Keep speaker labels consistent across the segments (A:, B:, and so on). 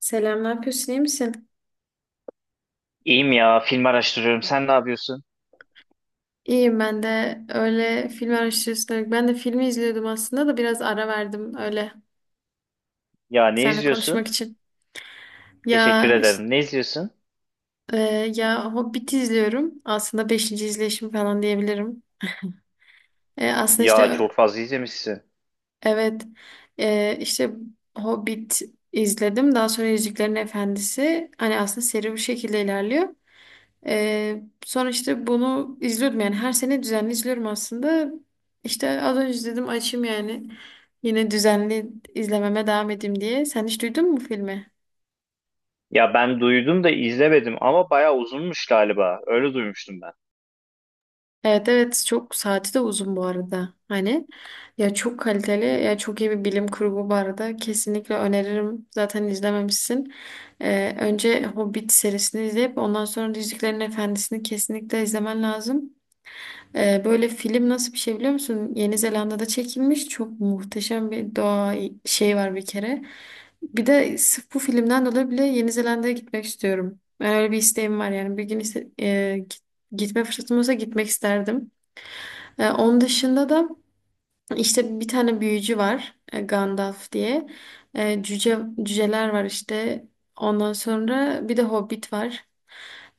A: Selam, ne yapıyorsun? İyi misin?
B: İyiyim ya, film araştırıyorum. Sen ne yapıyorsun?
A: İyiyim ben de öyle film araştırıyorsun. Ben de filmi izliyordum aslında da biraz ara verdim öyle
B: Ya ne
A: seninle konuşmak
B: izliyorsun?
A: için.
B: Teşekkür
A: Ya işte,
B: ederim. Ne izliyorsun?
A: e, ya Hobbit izliyorum. Aslında beşinci izleyişim falan diyebilirim. Aslında işte
B: Ya çok fazla izlemişsin.
A: evet, işte Hobbit izledim. Daha sonra Yüzüklerin Efendisi. Hani aslında seri bu şekilde ilerliyor. Sonra işte bunu izliyordum yani her sene düzenli izliyorum aslında. İşte az önce dedim açayım yani. Yine düzenli izlememe devam edeyim diye. Sen hiç duydun mu filmi?
B: Ya ben duydum da izlemedim ama bayağı uzunmuş galiba. Öyle duymuştum ben.
A: Evet, evet, çok saati de uzun bu arada. Hani ya çok kaliteli ya çok iyi bir bilim kurgu bu arada. Kesinlikle öneririm. Zaten izlememişsin. Önce Hobbit serisini izleyip ondan sonra Yüzüklerin Efendisi'ni kesinlikle izlemen lazım. Böyle film nasıl bir şey biliyor musun? Yeni Zelanda'da çekilmiş. Çok muhteşem bir doğa şey var bir kere. Bir de sırf bu filmden dolayı bile Yeni Zelanda'ya gitmek istiyorum. Ben öyle bir isteğim var yani. Bir gün ise- e, git- gitme fırsatım olsa gitmek isterdim. Onun dışında da işte bir tane büyücü var, Gandalf diye. Cüce, cüceler var işte. Ondan sonra bir de Hobbit var.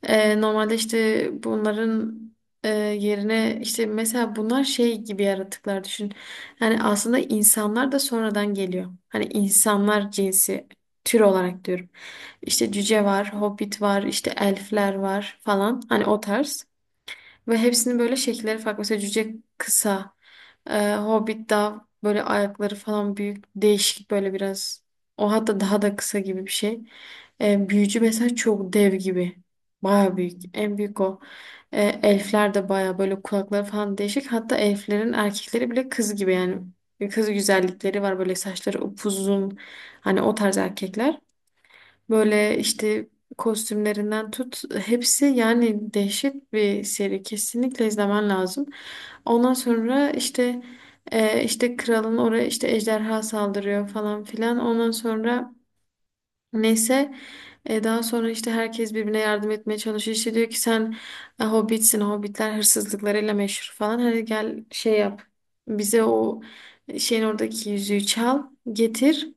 A: Normalde işte bunların yerine işte mesela bunlar şey gibi yaratıklar düşün. Yani aslında insanlar da sonradan geliyor. Hani insanlar cinsi tür olarak diyorum. İşte cüce var, Hobbit var, işte elfler var falan. Hani o tarz. Ve hepsinin böyle şekilleri farklı. Mesela cüce kısa, hobbit daha böyle ayakları falan büyük, değişik böyle biraz. O hatta daha da kısa gibi bir şey. Büyücü mesela çok dev gibi. Baya büyük. En büyük o. Elfler de baya böyle kulakları falan değişik. Hatta elflerin erkekleri bile kız gibi yani. Kız güzellikleri var böyle saçları upuzun. Hani o tarz erkekler. Böyle işte kostümlerinden tut hepsi yani dehşet bir seri, kesinlikle izlemen lazım. Ondan sonra işte işte kralın oraya işte ejderha saldırıyor falan filan. Ondan sonra neyse, daha sonra işte herkes birbirine yardım etmeye çalışıyor. İşte diyor ki sen hobbitsin, hobbitler hırsızlıklarıyla meşhur falan. Hadi gel şey yap. Bize o şeyin oradaki yüzüğü çal, getir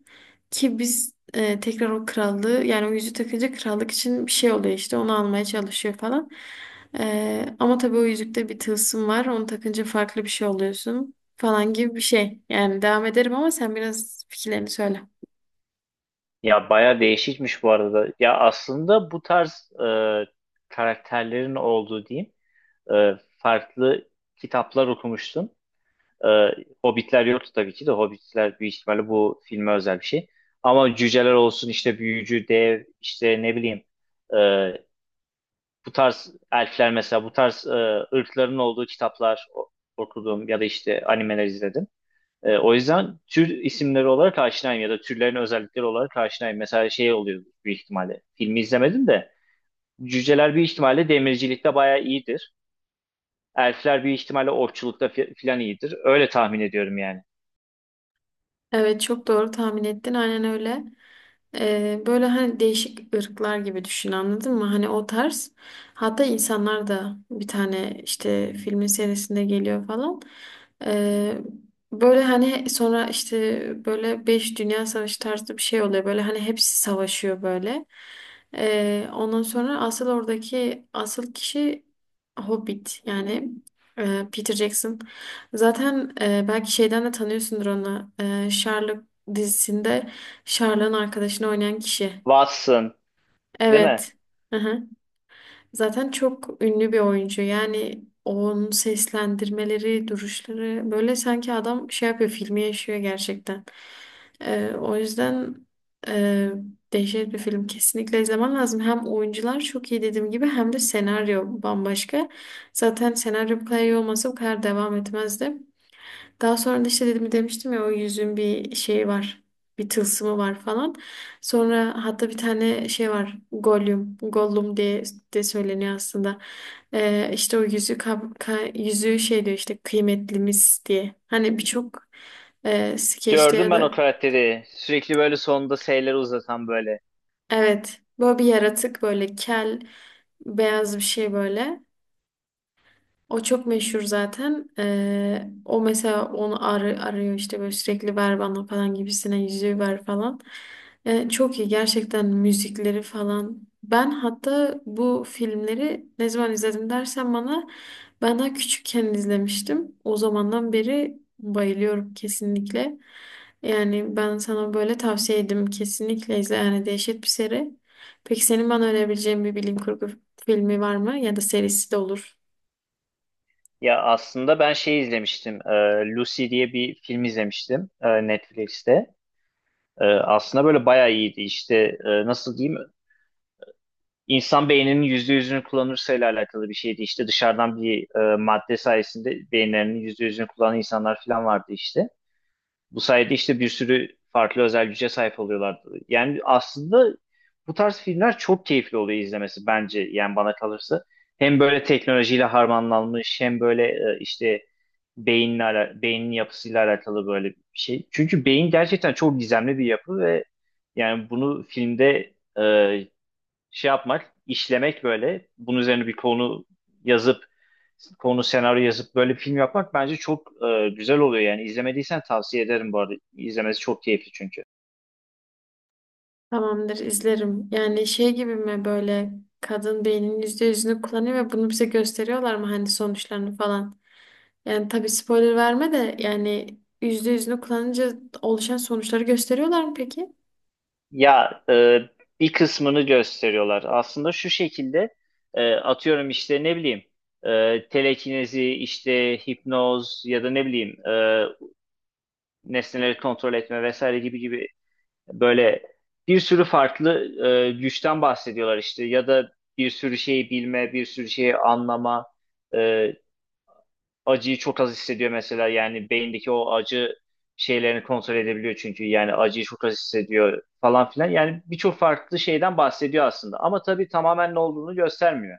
A: ki biz tekrar o krallığı yani o yüzüğü takınca krallık için bir şey oluyor, işte onu almaya çalışıyor falan. Ama tabii o yüzükte bir tılsım var. Onu takınca farklı bir şey oluyorsun falan gibi bir şey. Yani devam ederim ama sen biraz fikirlerini söyle.
B: Ya bayağı değişikmiş bu arada. Ya aslında bu tarz karakterlerin olduğu diyeyim e, farklı kitaplar okumuştum. E, Hobbitler yoktu tabii ki de Hobbitler büyük ihtimalle bu filme özel bir şey. Ama cüceler olsun işte büyücü, dev işte ne bileyim, e, bu tarz elfler mesela bu tarz ırkların olduğu kitaplar okudum ya da işte animeler izledim. E, o yüzden tür isimleri olarak aşinayım ya da türlerin özellikleri olarak aşinayım. Mesela şey oluyor büyük ihtimalle. Filmi izlemedim de cüceler bir ihtimalle demircilikte bayağı iyidir. Elfler bir ihtimalle okçulukta filan iyidir. Öyle tahmin ediyorum yani.
A: Evet, çok doğru tahmin ettin aynen öyle. Böyle hani değişik ırklar gibi düşün, anladın mı? Hani o tarz. Hatta insanlar da bir tane işte filmin serisinde geliyor falan. Ee, Böyle hani sonra işte böyle 5 Dünya Savaşı tarzı bir şey oluyor. Böyle hani hepsi savaşıyor böyle. Ondan sonra asıl oradaki asıl kişi Hobbit yani, Peter Jackson. Zaten belki şeyden de tanıyorsundur onu. Sherlock dizisinde Sherlock'un arkadaşını oynayan kişi.
B: Watson, değil mi?
A: Evet. Hı-hı. Zaten çok ünlü bir oyuncu. Yani onun seslendirmeleri, duruşları böyle sanki adam şey yapıyor, filmi yaşıyor gerçekten. O yüzden e, dehşet bir film. Kesinlikle izlemen lazım. Hem oyuncular çok iyi dediğim gibi hem de senaryo bambaşka. Zaten senaryo bu kadar iyi olmasa bu kadar devam etmezdi. Daha sonra da işte dedim, demiştim ya o yüzün bir şeyi var. Bir tılsımı var falan. Sonra hatta bir tane şey var. Gollum. Gollum diye de söyleniyor aslında. İşte o yüzüğü şey diyor işte kıymetlimiz diye. Hani birçok skeçte
B: Gördüm
A: ya
B: ben
A: da
B: o karakteri. Sürekli böyle sonunda S'leri uzatan böyle.
A: evet. Böyle bir yaratık böyle kel beyaz bir şey böyle. O çok meşhur zaten. O mesela onu arıyor işte böyle sürekli ver bana falan gibisine yüzüğü ver falan. Çok iyi gerçekten müzikleri falan. Ben hatta bu filmleri ne zaman izledim dersen bana, ben daha küçükken izlemiştim. O zamandan beri bayılıyorum kesinlikle. Yani ben sana böyle tavsiye ederim, kesinlikle izle yani dehşet bir seri. Peki senin bana önerebileceğin bir bilim kurgu filmi var mı, ya da serisi de olur.
B: Ya aslında ben şey izlemiştim. E, Lucy diye bir film izlemiştim Netflix'te. E, aslında böyle bayağı iyiydi. İşte, nasıl diyeyim? İnsan beyninin %100'ünü kullanırsa ile alakalı bir şeydi. İşte dışarıdan bir madde sayesinde beyinlerinin %100'ünü kullanan insanlar falan vardı işte. Bu sayede işte bir sürü farklı özel güce sahip oluyorlar. Yani aslında bu tarz filmler çok keyifli oluyor izlemesi bence yani bana kalırsa. Hem böyle teknolojiyle harmanlanmış hem böyle, e, işte beynin yapısıyla alakalı böyle bir şey. Çünkü beyin gerçekten çok gizemli bir yapı ve yani bunu filmde, e, şey yapmak, işlemek böyle bunun üzerine bir konu yazıp konu senaryo yazıp böyle bir film yapmak bence çok güzel oluyor yani izlemediysen tavsiye ederim bu arada izlemesi çok keyifli çünkü.
A: Tamamdır, izlerim. Yani şey gibi mi böyle, kadın beyninin yüzde yüzünü kullanıyor ve bunu bize gösteriyorlar mı hani sonuçlarını falan. Yani tabii spoiler verme de yani yüzde yüzünü kullanınca oluşan sonuçları gösteriyorlar mı peki?
B: Ya, bir kısmını gösteriyorlar aslında şu şekilde, atıyorum işte ne bileyim, telekinezi işte hipnoz ya da ne bileyim, nesneleri kontrol etme vesaire gibi gibi böyle bir sürü farklı güçten bahsediyorlar işte ya da bir sürü şeyi bilme bir sürü şeyi anlama. E, acıyı çok az hissediyor mesela yani beyindeki o acı şeylerini kontrol edebiliyor çünkü yani acıyı çok az hissediyor falan filan yani birçok farklı şeyden bahsediyor aslında ama tabii tamamen ne olduğunu göstermiyor.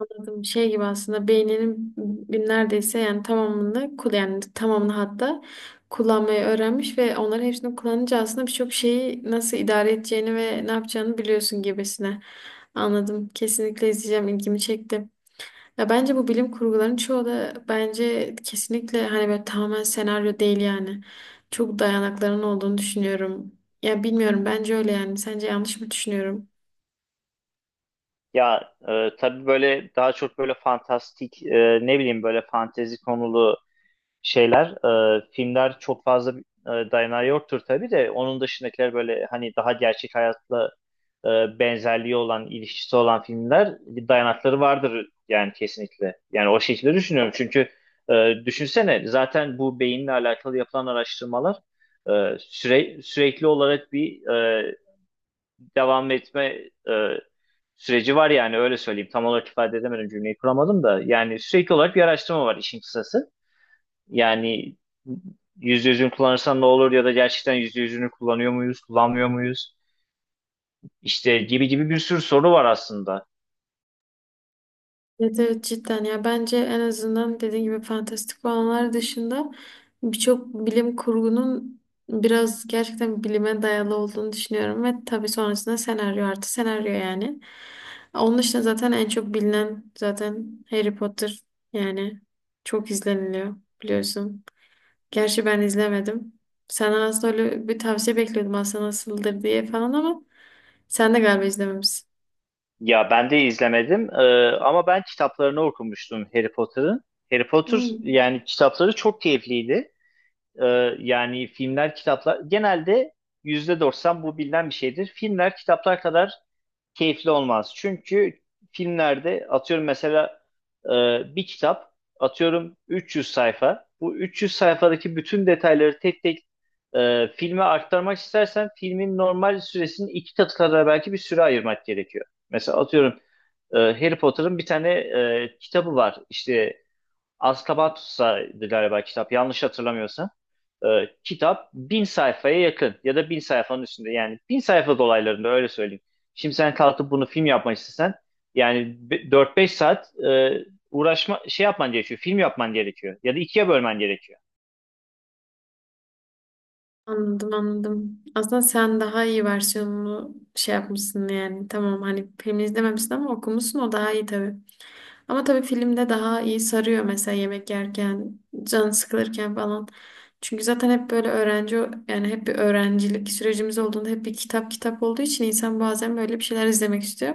A: Anladım. Şey gibi aslında beyninin neredeyse yani tamamını yani tamamını hatta kullanmayı öğrenmiş ve onların hepsini kullanınca aslında birçok şeyi nasıl idare edeceğini ve ne yapacağını biliyorsun gibisine. Anladım. Kesinlikle izleyeceğim. İlgimi çekti. Ya bence bu bilim kurguların çoğu da bence kesinlikle hani böyle tamamen senaryo değil yani. Çok dayanakların olduğunu düşünüyorum. Ya bilmiyorum bence öyle yani. Sence yanlış mı düşünüyorum?
B: Ya, e, tabii böyle daha çok böyle fantastik, ne bileyim böyle fantezi konulu şeyler, filmler çok fazla dayanağı yoktur tabii de onun dışındakiler böyle hani daha gerçek hayatla benzerliği olan ilişkisi olan filmler bir dayanakları vardır yani kesinlikle. Yani o şekilde düşünüyorum çünkü, düşünsene zaten bu beyinle alakalı yapılan araştırmalar, sürekli olarak bir e, devam etme e, süreci var yani öyle söyleyeyim. Tam olarak ifade edemedim cümleyi kuramadım da yani sürekli olarak bir araştırma var işin kısası. Yani %100'ünü kullanırsan ne olur ya da gerçekten %100'ünü kullanıyor muyuz, kullanmıyor muyuz? İşte gibi gibi bir sürü soru var aslında.
A: Evet, evet cidden ya bence en azından dediğin gibi fantastik olanlar dışında birçok bilim kurgunun biraz gerçekten bilime dayalı olduğunu düşünüyorum ve tabii sonrasında senaryo artı senaryo yani. Onun dışında zaten en çok bilinen zaten Harry Potter yani çok izleniliyor biliyorsun. Gerçi ben izlemedim. Senden aslında öyle bir tavsiye bekliyordum aslında nasıldır diye falan ama sen de galiba izlememişsin.
B: Ya ben de izlemedim, ama ben kitaplarını okumuştum Harry Potter'ın. Harry Potter
A: Hmm.
B: yani kitapları çok keyifliydi. E, yani filmler, kitaplar genelde %90 bu bilinen bir şeydir. Filmler kitaplar kadar keyifli olmaz. Çünkü filmlerde atıyorum mesela, e, bir kitap atıyorum 300 sayfa. Bu 300 sayfadaki bütün detayları tek tek filme aktarmak istersen filmin normal süresinin iki katı kadar belki bir süre ayırmak gerekiyor. Mesela atıyorum, Harry Potter'ın bir tane kitabı var. İşte Azkaban Tutsağı'ydı galiba kitap yanlış hatırlamıyorsam. Kitap 1.000 sayfaya yakın ya da 1.000 sayfanın üstünde yani 1.000 sayfa dolaylarında öyle söyleyeyim. Şimdi sen kalkıp bunu film yapmak istesen yani 4-5 saat uğraşma şey yapman gerekiyor film yapman gerekiyor ya da ikiye bölmen gerekiyor.
A: Anladım, anladım. Aslında sen daha iyi versiyonunu şey yapmışsın yani. Tamam hani filmi izlememişsin ama okumuşsun, o daha iyi tabii. Ama tabii filmde daha iyi sarıyor mesela yemek yerken, can sıkılırken falan. Çünkü zaten hep böyle öğrenci yani hep bir öğrencilik sürecimiz olduğunda hep bir kitap olduğu için insan bazen böyle bir şeyler izlemek istiyor.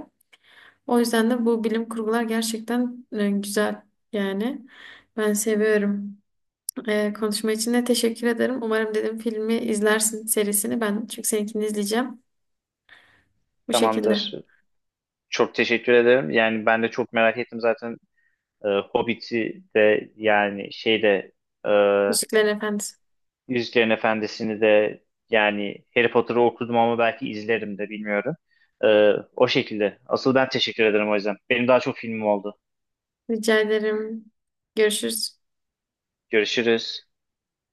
A: O yüzden de bu bilim kurgular gerçekten güzel yani. Ben seviyorum. Konuşma için de teşekkür ederim. Umarım dedim filmi izlersin serisini, ben çünkü seninkini izleyeceğim. Bu
B: Tamamdır.
A: şekilde.
B: Çok teşekkür ederim. Yani ben de çok merak ettim zaten, Hobbit'i de yani şeyde
A: Müziklerin efendim.
B: Yüzüklerin Efendisi'ni de yani Harry Potter'ı okudum ama belki izlerim de bilmiyorum. O şekilde. Asıl ben teşekkür ederim o yüzden. Benim daha çok filmim oldu.
A: Rica ederim. Görüşürüz.
B: Görüşürüz.